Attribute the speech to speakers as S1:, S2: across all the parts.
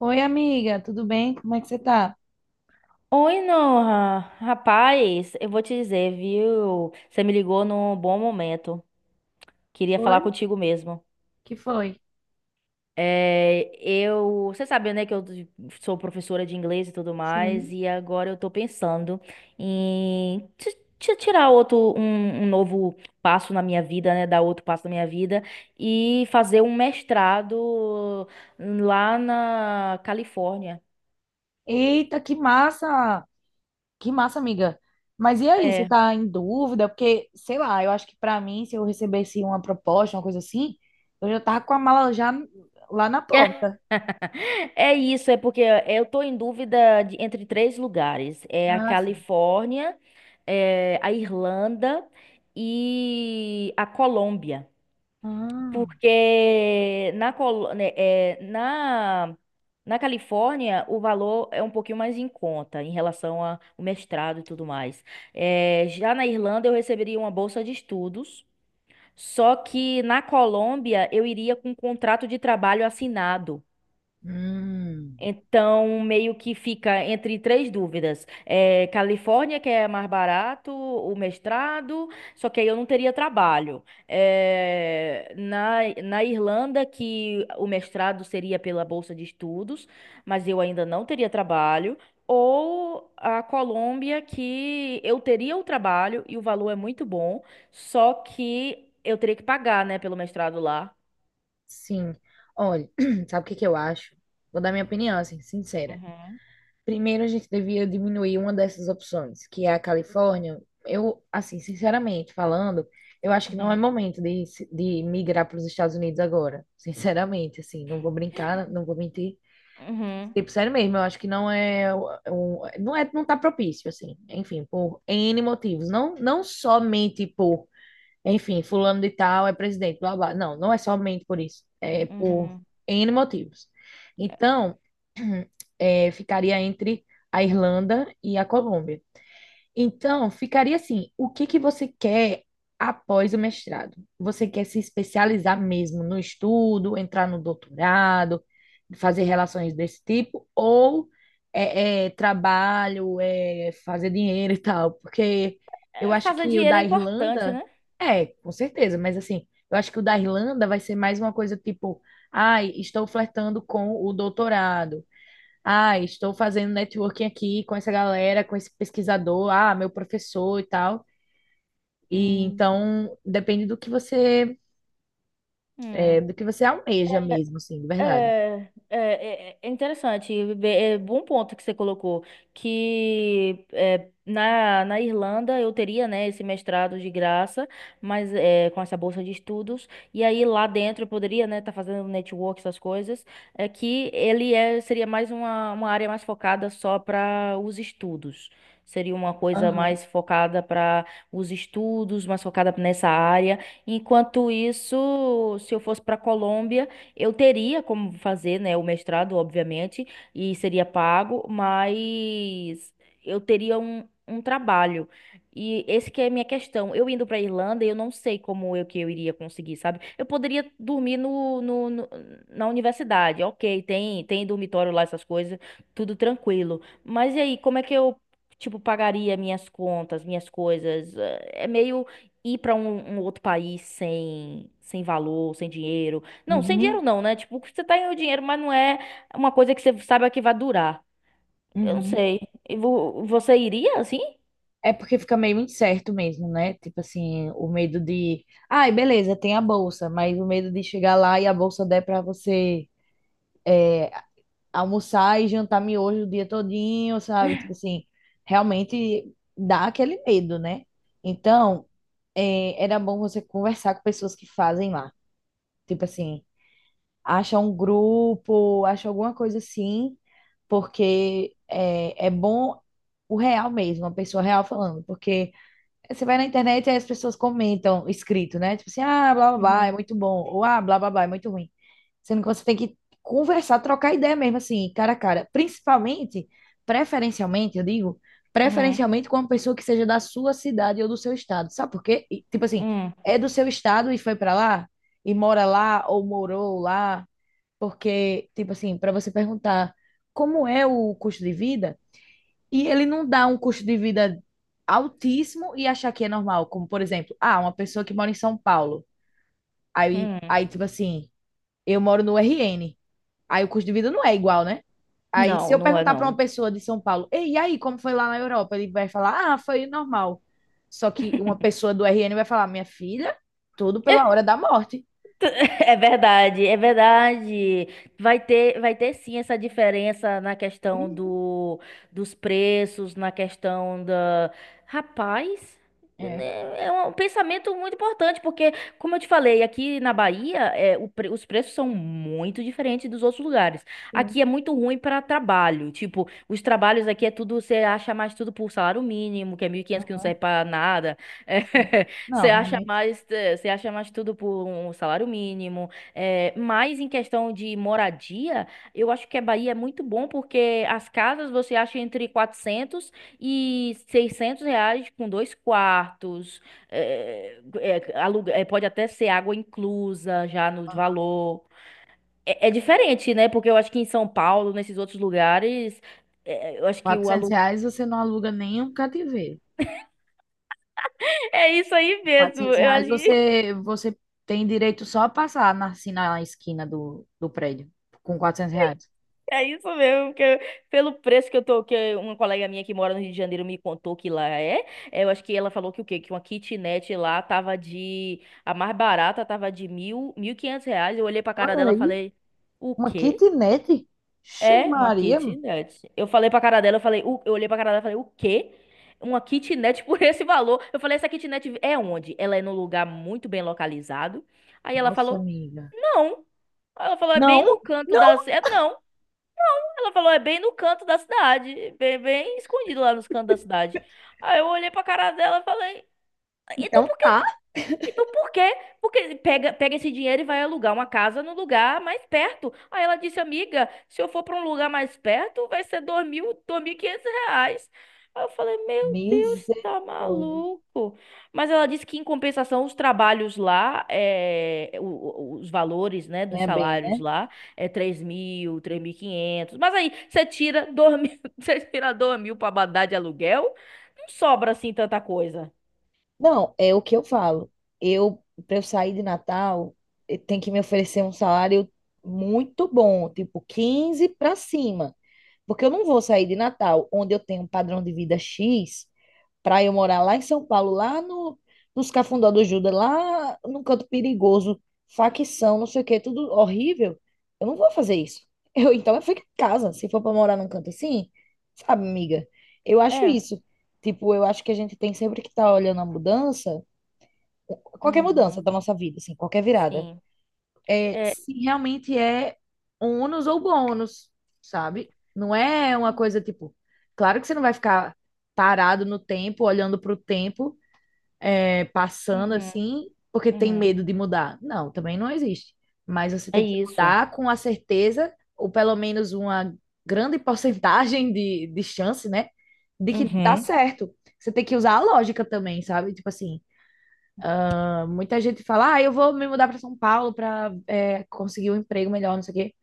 S1: Oi, amiga, tudo bem? Como é que você tá?
S2: Oi, Noah. Rapaz, eu vou te dizer, viu? Você me ligou num bom momento. Queria falar
S1: Oi?
S2: contigo mesmo.
S1: Que foi?
S2: Você sabe, né, que eu sou professora de inglês e tudo mais,
S1: Sim.
S2: e agora eu tô pensando em tirar outro, um novo passo na minha vida, né, dar outro passo na minha vida e fazer um mestrado lá na Califórnia.
S1: Eita, que massa! Que massa, amiga. Mas e aí, você
S2: É.
S1: tá em dúvida? Porque, sei lá, eu acho que pra mim, se eu recebesse uma proposta, uma coisa assim, eu já tava com a mala já lá na porta.
S2: É isso, é porque eu tô em dúvida entre três lugares. É a
S1: Ah, sim.
S2: Califórnia, é a Irlanda e a Colômbia.
S1: Ah,
S2: Porque na, Col- né, é, na, na Califórnia o valor é um pouquinho mais em conta em relação ao mestrado e tudo mais. Já na Irlanda eu receberia uma bolsa de estudos, só que na Colômbia eu iria com um contrato de trabalho assinado.
S1: hum,
S2: Então, meio que fica entre três dúvidas. É, Califórnia, que é mais barato, o mestrado, só que aí eu não teria trabalho. É, na Irlanda, que o mestrado seria pela bolsa de estudos, mas eu ainda não teria trabalho. Ou a Colômbia, que eu teria o trabalho e o valor é muito bom, só que eu teria que pagar, né, pelo mestrado lá.
S1: sim. Olha, sabe o que que eu acho? Vou dar minha opinião, assim, sincera.
S2: Uhum,
S1: Primeiro, a gente devia diminuir uma dessas opções, que é a Califórnia. Eu, assim, sinceramente falando, eu acho que não é
S2: uhum,
S1: momento de, de migrar para os Estados Unidos agora. Sinceramente, assim, não vou brincar, não vou mentir.
S2: uhum,
S1: Tipo, sério mesmo, eu acho que não é, não é, não tá propício, assim. Enfim, por N motivos. Não, não somente por, enfim, fulano de tal é presidente, blá, blá. Não, não é somente por isso. É por
S2: uhum.
S1: N motivos. Então, ficaria entre a Irlanda e a Colômbia. Então, ficaria assim: o que que você quer após o mestrado? Você quer se especializar mesmo no estudo, entrar no doutorado, fazer relações desse tipo, ou trabalho, fazer dinheiro e tal? Porque eu
S2: É,
S1: acho
S2: fazer
S1: que o
S2: dinheiro é
S1: da
S2: importante,
S1: Irlanda,
S2: né?
S1: com certeza, mas assim, eu acho que o da Irlanda vai ser mais uma coisa tipo: ai, estou flertando com o doutorado. Ah, estou fazendo networking aqui com essa galera, com esse pesquisador, ah, meu professor e tal. E
S2: Hum.
S1: então depende do que você, é,
S2: Hum.
S1: do que você almeja mesmo, assim, de verdade.
S2: É, é, é interessante, é bom ponto que você colocou, que é, na Irlanda eu teria, né, esse mestrado de graça, mas é, com essa bolsa de estudos, e aí lá dentro eu poderia, né, estar fazendo network, essas coisas, seria mais uma área mais focada só para os estudos. Seria uma coisa
S1: Aham.
S2: mais focada para os estudos, mais focada nessa área. Enquanto isso, se eu fosse para Colômbia, eu teria como fazer, né, o mestrado, obviamente, e seria pago, mas eu teria um trabalho. E esse que é a minha questão. Eu indo para Irlanda, eu não sei como eu que eu iria conseguir, sabe? Eu poderia dormir na universidade, ok, tem dormitório lá, essas coisas, tudo tranquilo. Mas e aí, como é que eu, tipo, pagaria minhas contas, minhas coisas? É meio ir para um outro país sem valor, sem dinheiro não, sem dinheiro
S1: Uhum.
S2: não, né? Tipo, você tá ganhando dinheiro, mas não é uma coisa que você saiba que vai durar. Eu não
S1: Uhum.
S2: sei. E você iria assim?
S1: É porque fica meio incerto mesmo, né? Tipo assim, o medo de, ai, beleza, tem a bolsa, mas o medo de chegar lá e a bolsa der para você almoçar e jantar miojo o dia todinho, sabe? Tipo assim, realmente dá aquele medo, né? Então, era bom você conversar com pessoas que fazem lá. Tipo assim, acha um grupo, acha alguma coisa assim, porque é bom o real mesmo, a pessoa real falando, porque você vai na internet e aí as pessoas comentam escrito, né? Tipo assim, ah, blá blá blá, é
S2: Uhum.
S1: muito bom. Ou ah, blá blá blá, é muito ruim. Sendo que você tem que conversar, trocar ideia mesmo, assim, cara a cara. Principalmente, preferencialmente, eu digo,
S2: Uhum.
S1: preferencialmente com uma pessoa que seja da sua cidade ou do seu estado. Sabe por quê? E, tipo assim,
S2: Uhum.
S1: é do seu estado e foi pra lá, e mora lá, ou morou lá. Porque, tipo assim, pra você perguntar como é o custo de vida. E ele não dá um custo de vida altíssimo e achar que é normal. Como, por exemplo, ah, uma pessoa que mora em São Paulo. Aí,
S2: Uhum.
S1: aí tipo assim, eu moro no RN. Aí o custo de vida não é igual, né? Aí, se
S2: Não,
S1: eu
S2: não é
S1: perguntar para uma
S2: não.
S1: pessoa de São Paulo, Ei, e aí, como foi lá na Europa? Ele vai falar, ah, foi normal. Só que uma pessoa do RN vai falar, minha filha, tudo pela hora da morte.
S2: É verdade, é verdade. Vai ter sim essa diferença na questão
S1: Uhum.
S2: do, dos preços, na questão da. Rapaz,
S1: É,
S2: né, é um pensamento muito importante, porque, como eu te falei, aqui na Bahia, é, os preços são muito diferentes dos outros lugares.
S1: sim.
S2: Aqui é muito ruim para trabalho. Tipo, os trabalhos aqui é tudo, você acha mais tudo por salário mínimo, que é 1.500 que não
S1: Aham,
S2: serve para nada.
S1: sim. Não,
S2: Você acha
S1: realmente.
S2: mais, você acha mais tudo por um salário mínimo, mas em questão de moradia, eu acho que a Bahia é muito bom porque as casas você acha entre R$ 400 e R$ 600 com 2 quartos, pode até ser água inclusa já no valor. É, é diferente, né? Porque eu acho que em São Paulo, nesses outros lugares, eu acho que o
S1: Quatrocentos
S2: aluguel...
S1: reais você não aluga nem um cativeiro.
S2: É isso aí mesmo,
S1: quatrocentos
S2: eu acho
S1: reais
S2: que
S1: você tem direito só a passar na, assim, na esquina do prédio com R$ 400.
S2: É isso mesmo, porque pelo preço que eu tô, que uma colega minha que mora no Rio de Janeiro me contou que lá eu acho que ela falou que o quê? Que uma kitnet lá tava de, a mais barata tava de R$ 1.000, R$ 1.500, eu olhei pra cara
S1: Olha
S2: dela e
S1: aí,
S2: falei, o
S1: uma
S2: quê?
S1: kitnet. Xe
S2: É uma
S1: Maria.
S2: kitnet. Eu falei pra cara dela, eu falei, eu olhei pra cara dela e falei, o quê? Uma kitnet por esse valor? Eu falei, essa kitnet é onde? Ela é num lugar muito bem localizado. Aí ela
S1: Nossa,
S2: falou,
S1: amiga.
S2: não. Ela falou, é
S1: Não,
S2: bem no canto da...
S1: não.
S2: É, não. Ela falou, é bem no canto da cidade, bem, bem escondido lá nos cantos da cidade. Aí eu olhei pra cara dela e falei, então
S1: Então
S2: por
S1: tá.
S2: então por quê? Porque pega, pega esse dinheiro e vai alugar uma casa no lugar mais perto. Aí ela disse, amiga, se eu for para um lugar mais perto, vai ser R$ 2.000, R$ 2.500. Aí eu falei, meu Deus, tá
S1: Misericórdia.
S2: maluco. Mas ela disse que em compensação os trabalhos lá, é, os valores, né, dos
S1: Ganha bem,
S2: salários
S1: né?
S2: lá é 3.000, 3.500. Mas aí você tira 2.000, você tira 2.000 para mandar de aluguel, não sobra assim tanta coisa.
S1: Não, é o que eu falo. Para eu sair de Natal, tem que me oferecer um salário muito bom, tipo 15 para cima. Porque eu não vou sair de Natal, onde eu tenho um padrão de vida X, para eu morar lá em São Paulo, lá no, nos Cafundó do Judas, lá num canto perigoso, facção, não sei o quê, tudo horrível, eu não vou fazer isso. Então eu fico em casa, se for para morar num canto assim, sabe, amiga? Eu acho
S2: É.
S1: isso. Tipo, eu acho que a gente tem sempre que estar tá olhando a mudança, qualquer mudança
S2: Uhum.
S1: da nossa vida, assim, qualquer virada,
S2: Sim. É.
S1: se realmente é ônus ou bônus, sabe? Não é uma coisa tipo, claro que você não vai ficar parado no tempo, olhando para o tempo, passando
S2: Uhum,
S1: assim porque tem
S2: uhum.
S1: medo de mudar. Não, também não existe. Mas você
S2: É
S1: tem que
S2: isso.
S1: mudar com a certeza, ou pelo menos uma grande porcentagem de chance, né? De que dá
S2: Uhum.
S1: certo. Você tem que usar a lógica também, sabe? Tipo assim, ah, muita gente fala, ah, eu vou me mudar para São Paulo para conseguir um emprego melhor, não sei o quê.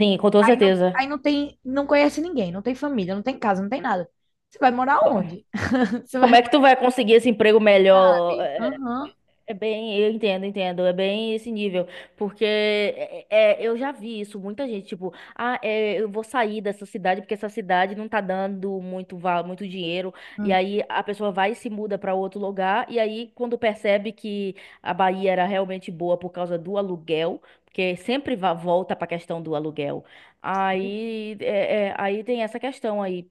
S2: Sim, com toda
S1: Aí não, aí
S2: certeza.
S1: não tem, não conhece ninguém, não tem família, não tem casa, não tem nada. Você vai morar
S2: Co-
S1: onde? Você vai
S2: Como é que
S1: morar
S2: tu vai conseguir esse emprego melhor?
S1: ali? Aham.
S2: É bem, eu entendo, entendo. É bem esse nível. Porque eu já vi isso, muita gente, tipo, ah, é, eu vou sair dessa cidade porque essa cidade não tá dando muito, muito dinheiro. E
S1: Uhum.
S2: aí a pessoa vai e se muda pra outro lugar. E aí, quando percebe que a Bahia era realmente boa por causa do aluguel, porque sempre volta pra questão do aluguel. Aí, aí tem essa questão aí.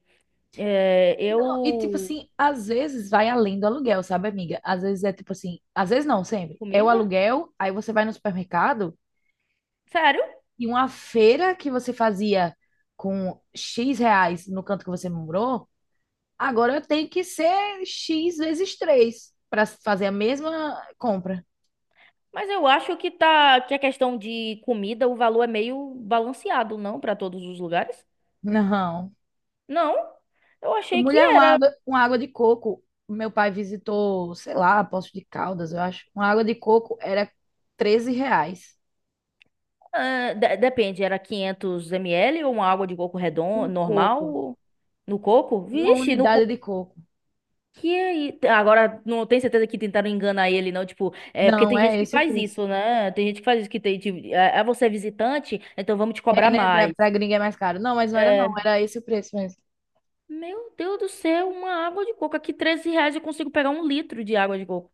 S2: É,
S1: Não, e tipo
S2: eu.
S1: assim, às vezes vai além do aluguel, sabe, amiga? Às vezes é tipo assim, às vezes não, sempre. É o
S2: Comida?
S1: aluguel, aí você vai no supermercado
S2: Sério?
S1: e uma feira que você fazia com X reais no canto que você morou, agora eu tenho que ser X vezes 3 para fazer a mesma compra.
S2: Mas eu acho que tá que a questão de comida, o valor é meio balanceado, não para todos os lugares?
S1: Não.
S2: Não. Eu achei que
S1: Mulher, uma
S2: era,
S1: água, uma água de coco. Meu pai visitou, sei lá, Poço de Caldas, eu acho. Uma água de coco era R$ 13.
S2: ah, depende, era 500 ml ou uma água de coco redondo
S1: Um coco,
S2: normal no coco?
S1: uma
S2: Vixe, no
S1: unidade
S2: coco
S1: de coco.
S2: que agora não tenho certeza que tentaram enganar ele não, tipo, é porque
S1: Não,
S2: tem gente
S1: é
S2: que
S1: esse o
S2: faz
S1: preço.
S2: isso, né? Tem gente que faz isso que tem, tipo, é você é visitante, então vamos te
S1: É,
S2: cobrar
S1: né? Pra,
S2: mais.
S1: pra gringa é mais caro. Não, mas não era não,
S2: É,
S1: era esse o preço mesmo.
S2: meu Deus do céu, uma água de coco aqui, R$ 13 eu consigo pegar um litro de água de coco.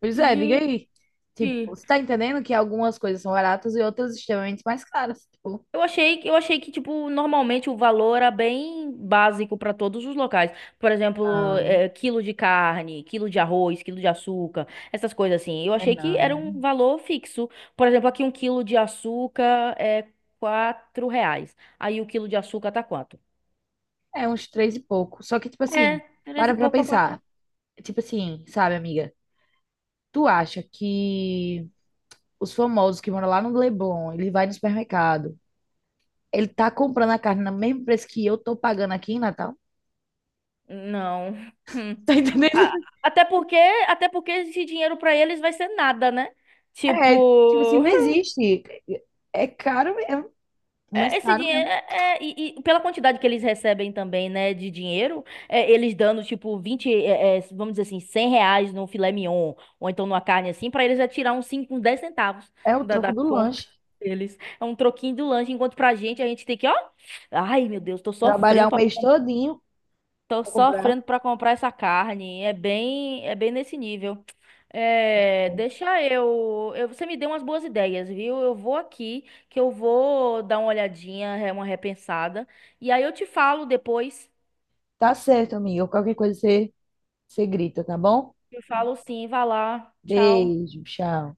S1: Pois é, diga
S2: Gente,
S1: aí. Tipo, você tá entendendo que algumas coisas são baratas e outras extremamente mais caras. Tipo,
S2: eu achei que tipo normalmente o valor era bem básico para todos os locais. Por exemplo,
S1: ah,
S2: quilo de carne, quilo de arroz, quilo de açúcar, essas coisas assim. Eu
S1: é
S2: achei que era
S1: não.
S2: um valor fixo. Por exemplo, aqui um quilo de açúcar é R$ 4. Aí o quilo de açúcar tá quanto?
S1: É uns três e pouco. Só que, tipo
S2: É,
S1: assim,
S2: três
S1: para
S2: e
S1: pra
S2: pouco para quatro.
S1: pensar. Tipo assim, sabe, amiga? Tu acha que os famosos que moram lá no Leblon, ele vai no supermercado, ele tá comprando a carne no mesmo preço que eu tô pagando aqui em Natal?
S2: Não.
S1: Tá
S2: A-
S1: entendendo?
S2: Até porque até porque esse dinheiro para eles vai ser nada, né? Tipo.
S1: É, tipo assim, não existe. É caro, mas
S2: É, esse
S1: caro
S2: dinheiro
S1: mesmo.
S2: pela quantidade que eles recebem também, né, de dinheiro, é, eles dando tipo 20 vamos dizer assim, R$ 100 no filé mignon, ou então numa carne assim, pra eles é tirar uns 5 uns 10 centavos
S1: É o troco
S2: da
S1: do
S2: conta
S1: lanche.
S2: deles. É um troquinho do lanche, enquanto pra gente, a gente tem que, ó, ai meu Deus, tô
S1: Trabalhar
S2: sofrendo
S1: o
S2: pra.
S1: mês todinho
S2: Tô
S1: pra comprar.
S2: sofrendo pra comprar essa carne. É bem nesse nível. É, deixa eu, eu. Você me deu umas boas ideias, viu? Eu vou aqui, que eu vou dar uma olhadinha, é, uma repensada. E aí eu te falo depois.
S1: Tá certo, amiga. Qualquer coisa você, grita, tá bom?
S2: Eu falo sim, vai lá. Tchau.
S1: Beijo, tchau.